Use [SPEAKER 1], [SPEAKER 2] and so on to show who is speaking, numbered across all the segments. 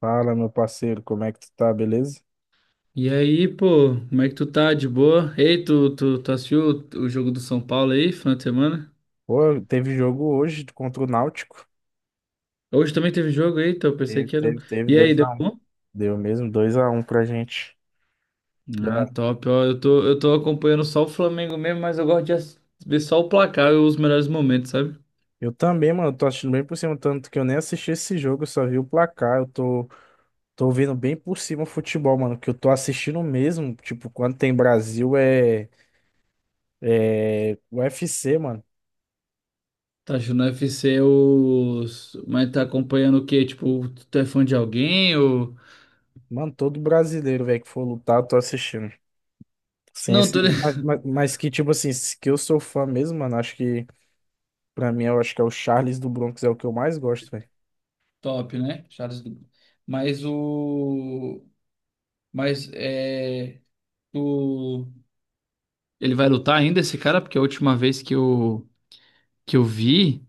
[SPEAKER 1] Fala, meu parceiro, como é que tu tá, beleza?
[SPEAKER 2] E aí, pô, como é que tu tá? De boa? Ei, tu assistiu o jogo do São Paulo aí, final de semana?
[SPEAKER 1] Pô, teve jogo hoje contra o Náutico.
[SPEAKER 2] Hoje também teve jogo, eita, eu pensei
[SPEAKER 1] Teve,
[SPEAKER 2] que era.
[SPEAKER 1] teve, teve
[SPEAKER 2] E aí,
[SPEAKER 1] dois a
[SPEAKER 2] deu
[SPEAKER 1] um
[SPEAKER 2] bom?
[SPEAKER 1] Deu mesmo 2 a 1 pra gente.
[SPEAKER 2] Ah, top, ó, eu tô acompanhando só o Flamengo mesmo, mas eu gosto de ver só o placar e os melhores momentos, sabe?
[SPEAKER 1] Eu também, mano, tô assistindo bem por cima, tanto que eu nem assisti esse jogo, eu só vi o placar. Tô vendo bem por cima o futebol, mano, que eu tô assistindo mesmo. Tipo, quando tem Brasil é UFC, mano.
[SPEAKER 2] Tá achando o UFC os... Mas tá acompanhando o quê? Tipo, tu é fã de alguém ou...
[SPEAKER 1] Mano, todo brasileiro, velho, que for lutar, eu tô assistindo. Sem
[SPEAKER 2] Não,
[SPEAKER 1] esse, mas, mas, mas que, tipo assim, que eu sou fã mesmo, mano, acho que. Pra mim, eu acho que é o Charles do Bronx, é o que eu mais gosto, velho.
[SPEAKER 2] Top, né? Charles... Mas o... Mas é... Tu... Ele vai lutar ainda esse cara, porque a última vez que eu vi,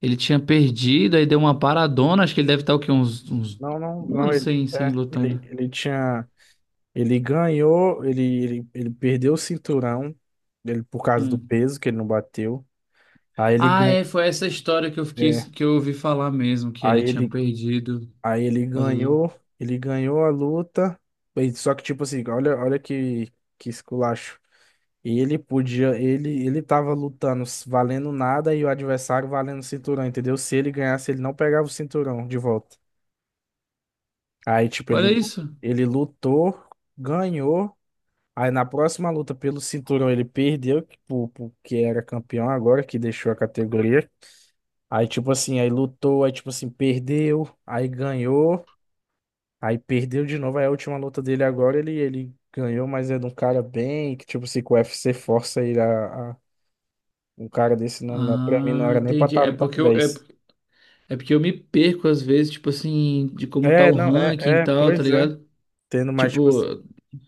[SPEAKER 2] ele tinha perdido, aí deu uma paradona. Acho que ele deve estar o quê? Uns
[SPEAKER 1] Não, não,
[SPEAKER 2] um
[SPEAKER 1] não,
[SPEAKER 2] ano sem, sem lutar, né?
[SPEAKER 1] ele ganhou, ele perdeu o cinturão, ele, por causa do
[SPEAKER 2] Hum.
[SPEAKER 1] peso que ele não bateu. Aí ele,
[SPEAKER 2] Ah,
[SPEAKER 1] gan-
[SPEAKER 2] é, foi essa história
[SPEAKER 1] é,
[SPEAKER 2] que eu ouvi falar mesmo, que
[SPEAKER 1] aí
[SPEAKER 2] ele tinha
[SPEAKER 1] ele,
[SPEAKER 2] perdido por
[SPEAKER 1] Aí
[SPEAKER 2] causa do.
[SPEAKER 1] ele ganhou a luta, só que tipo assim, olha, que esculacho. Ele podia, ele tava lutando valendo nada e o adversário valendo o cinturão, entendeu? Se ele ganhasse, ele não pegava o cinturão de volta. Aí, tipo, ele,
[SPEAKER 2] Olha isso.
[SPEAKER 1] ele lutou, ganhou. Aí na próxima luta pelo cinturão ele perdeu, que pro que era campeão agora, que deixou a categoria. Aí, tipo assim, aí lutou, aí, tipo assim, perdeu, aí ganhou, aí perdeu de novo. Aí a última luta dele agora, ele ganhou, mas é de um cara bem, que, tipo assim, que o UFC força ele um cara desse nome, pra mim não
[SPEAKER 2] Ah,
[SPEAKER 1] era nem pra
[SPEAKER 2] entendi.
[SPEAKER 1] estar no top dez
[SPEAKER 2] É porque eu me perco às vezes, tipo assim, de como tá
[SPEAKER 1] É,
[SPEAKER 2] o
[SPEAKER 1] não,
[SPEAKER 2] ranking e tal, tá
[SPEAKER 1] pois é.
[SPEAKER 2] ligado?
[SPEAKER 1] Tendo mais, tipo,
[SPEAKER 2] Tipo,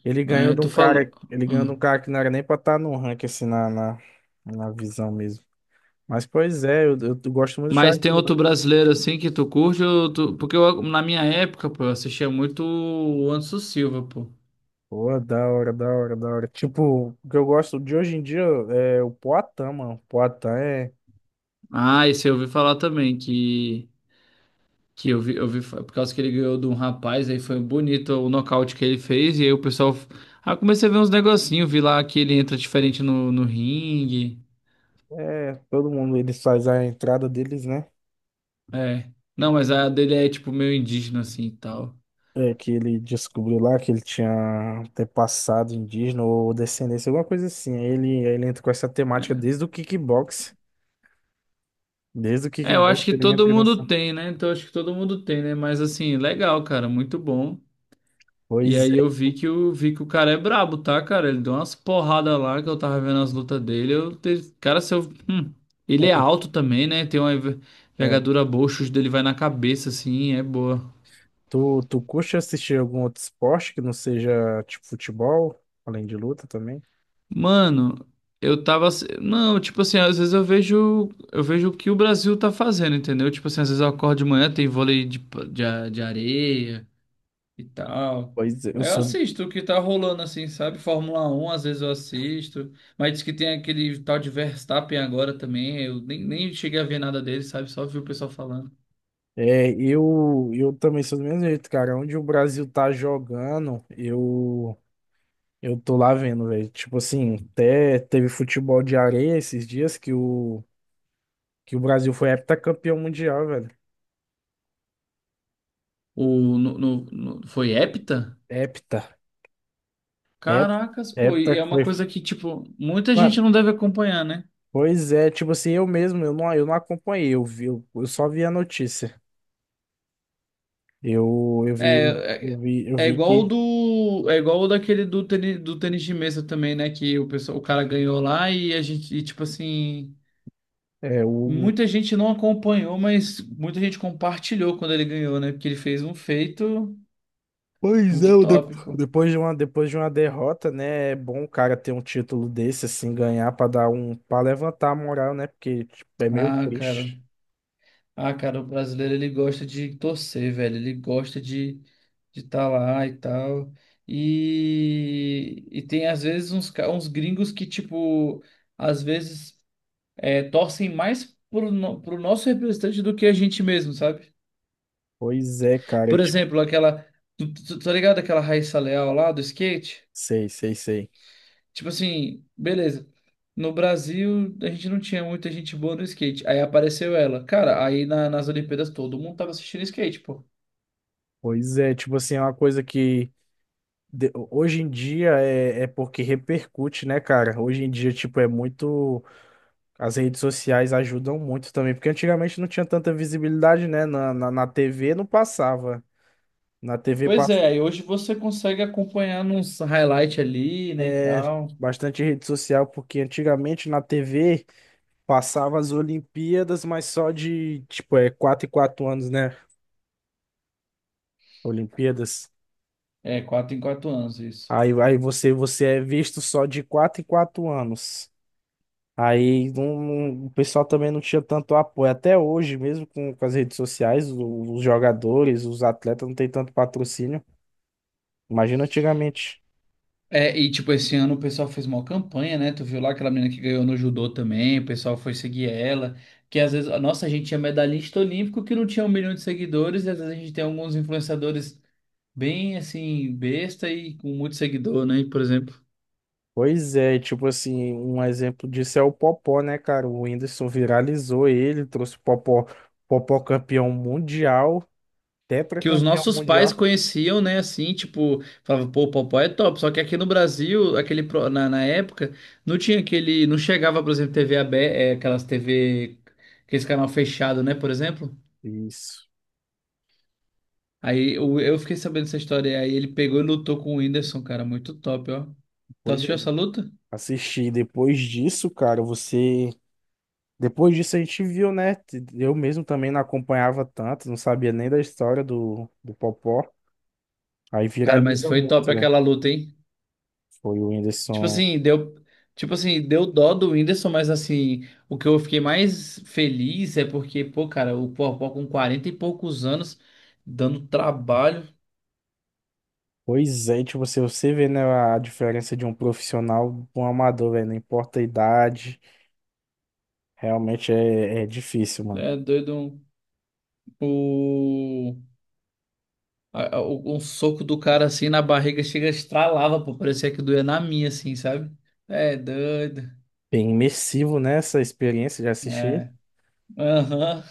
[SPEAKER 1] ele ganhou
[SPEAKER 2] é,
[SPEAKER 1] de
[SPEAKER 2] tu
[SPEAKER 1] um
[SPEAKER 2] falou.
[SPEAKER 1] cara, ele ganhou de um
[SPEAKER 2] Hum.
[SPEAKER 1] cara que não era nem pra estar no ranking, assim, na visão mesmo. Mas, pois é, eu gosto muito do
[SPEAKER 2] Mas
[SPEAKER 1] Charles
[SPEAKER 2] tem outro
[SPEAKER 1] Duarte.
[SPEAKER 2] brasileiro assim que tu curte? Ou porque eu, na minha época, pô, eu assistia muito o Anderson Silva, pô.
[SPEAKER 1] Pô, da hora, da hora, da hora. Tipo, o que eu gosto de hoje em dia é o Poatan, mano. O Poatan é,
[SPEAKER 2] Ah, esse eu ouvi falar também, que eu vi, por causa que ele ganhou de um rapaz, aí foi bonito o nocaute que ele fez, e aí o pessoal. Ah, eu comecei a ver uns negocinhos, vi lá que ele entra diferente no ringue.
[SPEAKER 1] é... Todo mundo, eles faz a entrada deles, né?
[SPEAKER 2] É. Não, mas a dele é tipo meio indígena assim e tal.
[SPEAKER 1] É, que ele descobriu lá que ele tinha ter passado indígena ou descendência, alguma coisa assim. Aí ele entra com essa temática desde o kickbox. Desde o
[SPEAKER 2] É, eu acho
[SPEAKER 1] kickbox
[SPEAKER 2] que
[SPEAKER 1] ele
[SPEAKER 2] todo
[SPEAKER 1] entra
[SPEAKER 2] mundo
[SPEAKER 1] nessa.
[SPEAKER 2] tem, né? Então acho que todo mundo tem, né? Mas assim, legal, cara, muito bom. E
[SPEAKER 1] Pois
[SPEAKER 2] aí eu vi que o cara é brabo, tá, cara? Ele deu umas porradas lá que eu tava vendo as lutas dele. Eu, te- cara, se eu, hum, ele é
[SPEAKER 1] é.
[SPEAKER 2] alto também, né? Tem uma
[SPEAKER 1] É, é.
[SPEAKER 2] envergadura boa, o chute dele vai na cabeça, assim, é boa.
[SPEAKER 1] Tu, tu curte assistir algum outro esporte que não seja tipo futebol, além de luta também?
[SPEAKER 2] Mano, não, tipo assim, às vezes eu vejo. Eu vejo o que o Brasil tá fazendo, entendeu? Tipo assim, às vezes eu acordo de manhã, tem vôlei de, pa- de, a- de areia. E tal.
[SPEAKER 1] Pois é, eu
[SPEAKER 2] Aí eu
[SPEAKER 1] sou.
[SPEAKER 2] assisto o que tá rolando assim, sabe? Fórmula Um às vezes eu assisto. Mas diz que tem aquele tal de Verstappen agora também. Eu nem cheguei a ver nada dele, sabe? Só vi o pessoal falando.
[SPEAKER 1] É, eu também sou do mesmo jeito, cara. Onde o Brasil tá jogando, eu tô lá vendo, velho. Tipo assim, até teve futebol de areia esses dias que que o Brasil foi heptacampeão mundial, velho.
[SPEAKER 2] O, no, no- no- foi hepta?
[SPEAKER 1] Hepta. Hep,
[SPEAKER 2] Caracas, pô,
[SPEAKER 1] hepta
[SPEAKER 2] e é uma
[SPEAKER 1] foi.
[SPEAKER 2] coisa que, tipo, muita gente
[SPEAKER 1] Mano,
[SPEAKER 2] não deve acompanhar, né?
[SPEAKER 1] pois é, tipo assim, eu mesmo, eu não acompanhei, eu vi, eu só vi a notícia.
[SPEAKER 2] É, é,
[SPEAKER 1] Eu
[SPEAKER 2] é
[SPEAKER 1] vi
[SPEAKER 2] igual
[SPEAKER 1] que
[SPEAKER 2] é igual o daquele do tênis de mesa também, né? Que o pessoal, o cara ganhou lá tipo assim.
[SPEAKER 1] é o...
[SPEAKER 2] Muita gente não acompanhou, mas muita gente compartilhou quando ele ganhou, né? Porque ele fez um feito
[SPEAKER 1] Pois é,
[SPEAKER 2] muito
[SPEAKER 1] o
[SPEAKER 2] top, pô.
[SPEAKER 1] depois de uma derrota, né? É bom o cara ter um título desse, assim, ganhar pra dar um, para levantar a moral, né? Porque tipo, é meio
[SPEAKER 2] Ah, cara.
[SPEAKER 1] triste.
[SPEAKER 2] Ah, cara, o brasileiro ele gosta de torcer, velho. Ele gosta de estar lá e tal. E tem às vezes uns gringos que, tipo, às vezes é, torcem mais pro, no- pro nosso representante do que a gente mesmo, sabe?
[SPEAKER 1] Pois é, cara, é
[SPEAKER 2] Por
[SPEAKER 1] tipo,
[SPEAKER 2] exemplo, aquela. Tá ligado aquela Raíssa Leal lá do skate?
[SPEAKER 1] sei, sei, sei.
[SPEAKER 2] Tipo assim, beleza. No Brasil, a gente não tinha muita gente boa no skate. Aí apareceu ela. Cara, aí nas Olimpíadas todo mundo tava assistindo skate, pô.
[SPEAKER 1] Pois é, tipo assim, é uma coisa que hoje em dia é porque repercute, né, cara? Hoje em dia, tipo, é muito. As redes sociais ajudam muito também, porque antigamente não tinha tanta visibilidade, né? Na TV não passava. Na TV
[SPEAKER 2] Pois
[SPEAKER 1] passa
[SPEAKER 2] é, aí hoje você consegue acompanhar nos highlight ali, né, e
[SPEAKER 1] é
[SPEAKER 2] tal.
[SPEAKER 1] bastante rede social, porque antigamente na TV passava as Olimpíadas, mas só de, tipo, é 4 em 4 anos, né? Olimpíadas.
[SPEAKER 2] É, 4 em 4 anos isso.
[SPEAKER 1] Aí você, você é visto só de 4 em 4 anos. Aí o pessoal também não tinha tanto apoio. Até hoje, mesmo com as redes sociais, os jogadores, os atletas não têm tanto patrocínio. Imagina antigamente.
[SPEAKER 2] É, e tipo, esse ano o pessoal fez uma campanha, né? Tu viu lá aquela menina que ganhou no judô também, o pessoal foi seguir ela. Que às vezes, nossa, a gente tinha medalhista olímpico que não tinha um milhão de seguidores, e às vezes a gente tem alguns influenciadores bem assim, besta e com muito seguidor, né? Por exemplo.
[SPEAKER 1] Pois é, tipo assim, um exemplo disso é o Popó, né, cara? O Whindersson viralizou ele, trouxe o Popó, Popó campeão mundial,
[SPEAKER 2] Que os
[SPEAKER 1] tetracampeão
[SPEAKER 2] nossos pais
[SPEAKER 1] mundial.
[SPEAKER 2] conheciam, né? Assim, tipo, falavam, pô, o Popó é top. Só que aqui no Brasil, aquele na época, não tinha aquele. Não chegava, por exemplo, TV aberta, aquelas TV, aquele canal fechado, né? Por exemplo.
[SPEAKER 1] Isso,
[SPEAKER 2] Eu fiquei sabendo dessa história. E aí ele pegou e lutou com o Whindersson, cara. Muito top, ó. Tu
[SPEAKER 1] pois é,
[SPEAKER 2] assistiu essa luta?
[SPEAKER 1] assisti. Depois disso, cara, você. Depois disso a gente viu, né? Eu mesmo também não acompanhava tanto, não sabia nem da história do, do Popó. Aí
[SPEAKER 2] Cara, mas
[SPEAKER 1] viraliza
[SPEAKER 2] foi
[SPEAKER 1] muito,
[SPEAKER 2] top
[SPEAKER 1] né?
[SPEAKER 2] aquela luta, hein?
[SPEAKER 1] Foi o
[SPEAKER 2] Tipo
[SPEAKER 1] Whindersson.
[SPEAKER 2] assim, deu. Tipo assim, deu dó do Whindersson, mas assim, o que eu fiquei mais feliz é porque, pô, cara, o Popó com 40 e poucos anos, dando trabalho,
[SPEAKER 1] Pois é, tipo, você vê, né, a diferença de um profissional para um amador, velho, não importa a idade. Realmente é, é difícil, mano.
[SPEAKER 2] é doido, um- o, a- o- um soco do cara assim na barriga chega, estralava, pô, parecia que doía na minha, assim, sabe? É doido.
[SPEAKER 1] Bem imersivo nessa experiência de assistir.
[SPEAKER 2] É. Aham.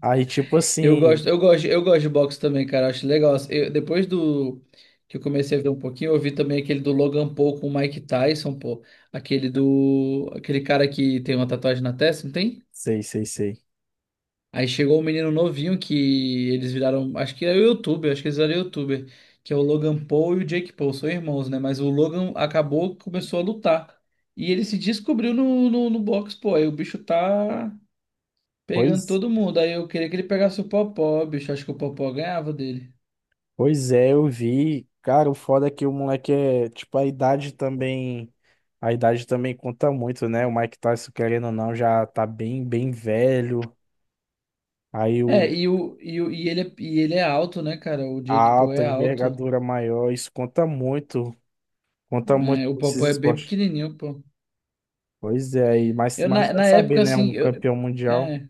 [SPEAKER 1] Aí, tipo assim,
[SPEAKER 2] Eu gosto de boxe também, cara. Eu acho legal. Depois do que eu comecei a ver um pouquinho, eu vi também aquele do Logan Paul com o Mike Tyson, pô. Aquele cara que tem uma tatuagem na testa, não tem?
[SPEAKER 1] sei, sei, sei.
[SPEAKER 2] Aí chegou um menino novinho que eles viraram, acho que eles eram youtuber, que é o Logan Paul e o Jake Paul, são irmãos, né? Mas o Logan acabou, que começou a lutar. E ele se descobriu no boxe, pô. Aí o bicho tá pegando
[SPEAKER 1] Pois,
[SPEAKER 2] todo mundo. Aí eu queria que ele pegasse o Popó, bicho. Acho que o Popó ganhava dele.
[SPEAKER 1] pois é, eu vi. Cara, o foda é que o moleque é, tipo, a idade também conta muito, né? O Mike Tyson, querendo ou não, já tá bem, bem velho. Aí
[SPEAKER 2] É,
[SPEAKER 1] o
[SPEAKER 2] e, o, e, o, e ele é alto, né, cara? O
[SPEAKER 1] a
[SPEAKER 2] Jake Paul
[SPEAKER 1] alta,
[SPEAKER 2] é
[SPEAKER 1] a
[SPEAKER 2] alto.
[SPEAKER 1] envergadura maior, isso conta muito
[SPEAKER 2] Né? O
[SPEAKER 1] pra esses
[SPEAKER 2] Paul é bem
[SPEAKER 1] esportes.
[SPEAKER 2] pequenininho, pô.
[SPEAKER 1] Pois é, aí, mas vai
[SPEAKER 2] Na
[SPEAKER 1] saber,
[SPEAKER 2] época,
[SPEAKER 1] né?
[SPEAKER 2] assim,
[SPEAKER 1] Um campeão mundial.
[SPEAKER 2] é,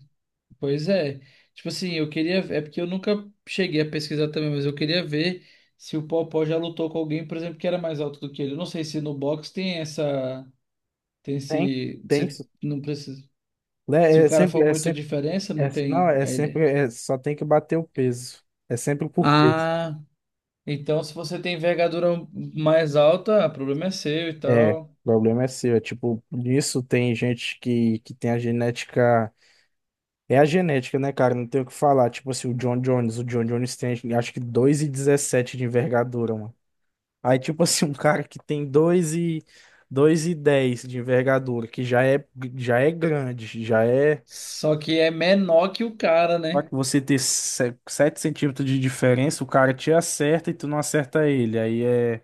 [SPEAKER 2] pois é. Tipo assim, eu queria. É porque eu nunca cheguei a pesquisar também, mas eu queria ver se o Paul já lutou com alguém, por exemplo, que era mais alto do que ele. Eu não sei se no boxe tem essa. Tem
[SPEAKER 1] Tem.
[SPEAKER 2] esse.
[SPEAKER 1] Tem.
[SPEAKER 2] Se, não precisa. Se
[SPEAKER 1] Né?
[SPEAKER 2] o
[SPEAKER 1] É
[SPEAKER 2] cara
[SPEAKER 1] sempre,
[SPEAKER 2] for
[SPEAKER 1] é
[SPEAKER 2] muita
[SPEAKER 1] sempre,
[SPEAKER 2] diferença,
[SPEAKER 1] é-
[SPEAKER 2] não
[SPEAKER 1] não,
[SPEAKER 2] tem.
[SPEAKER 1] É
[SPEAKER 2] Aí
[SPEAKER 1] sempre,
[SPEAKER 2] ele.
[SPEAKER 1] só tem que bater o peso. É sempre por peso.
[SPEAKER 2] Ah, então se você tem envergadura mais alta, ah, o problema é seu e
[SPEAKER 1] É, o
[SPEAKER 2] tal.
[SPEAKER 1] problema é seu. É tipo, nisso tem gente que tem a genética. É a genética, né, cara? Não tem o que falar. Tipo assim, o John Jones. O John Jones tem, acho que 2,17 de envergadura, mano. Aí, tipo assim, um cara que tem 2,10 de envergadura, que já é grande, já é.
[SPEAKER 2] Só que é menor que o cara,
[SPEAKER 1] Só
[SPEAKER 2] né?
[SPEAKER 1] que você ter 7 centímetros de diferença, o cara te acerta e tu não acerta ele. Aí é,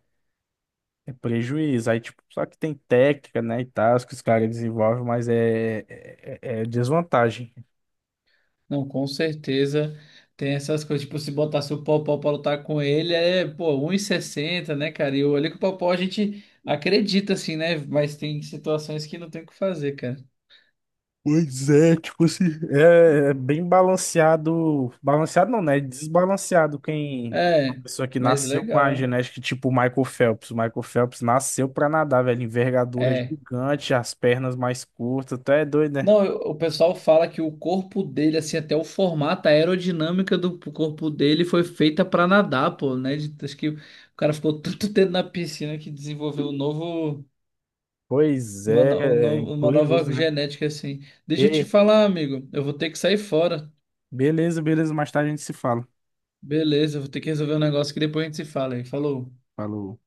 [SPEAKER 1] é prejuízo. Aí, tipo, só que tem técnica, né, e tal, que os caras desenvolvem, mas é desvantagem.
[SPEAKER 2] Não, com certeza tem essas coisas. Tipo, se botasse o Popó pra lutar com ele, é, pô, um e sessenta, né, cara? E eu olhei que o Popó a gente acredita, assim, né? Mas tem situações que não tem o que fazer, cara.
[SPEAKER 1] Pois é, tipo assim, é bem balanceado. Balanceado não, né? Desbalanceado quem. Uma
[SPEAKER 2] É,
[SPEAKER 1] pessoa que
[SPEAKER 2] mas
[SPEAKER 1] nasceu com a
[SPEAKER 2] legal.
[SPEAKER 1] genética tipo o Michael Phelps. O Michael Phelps nasceu pra nadar, velho. Envergadura
[SPEAKER 2] É.
[SPEAKER 1] gigante, as pernas mais curtas. Até é doido, né?
[SPEAKER 2] Não, eu- o pessoal fala que o corpo dele, assim, até o formato, a aerodinâmica do corpo dele foi feita pra nadar, pô, né? De- acho que o cara ficou tanto tempo na piscina que desenvolveu um novo.
[SPEAKER 1] Pois é, é
[SPEAKER 2] Uma
[SPEAKER 1] curioso,
[SPEAKER 2] nova
[SPEAKER 1] né?
[SPEAKER 2] genética assim. Deixa eu te
[SPEAKER 1] Ei,
[SPEAKER 2] falar, amigo. Eu vou ter que sair fora.
[SPEAKER 1] beleza, beleza. Mais tarde a gente se fala.
[SPEAKER 2] Beleza, eu vou ter que resolver um negócio que depois a gente se fala aí. Falou.
[SPEAKER 1] Falou.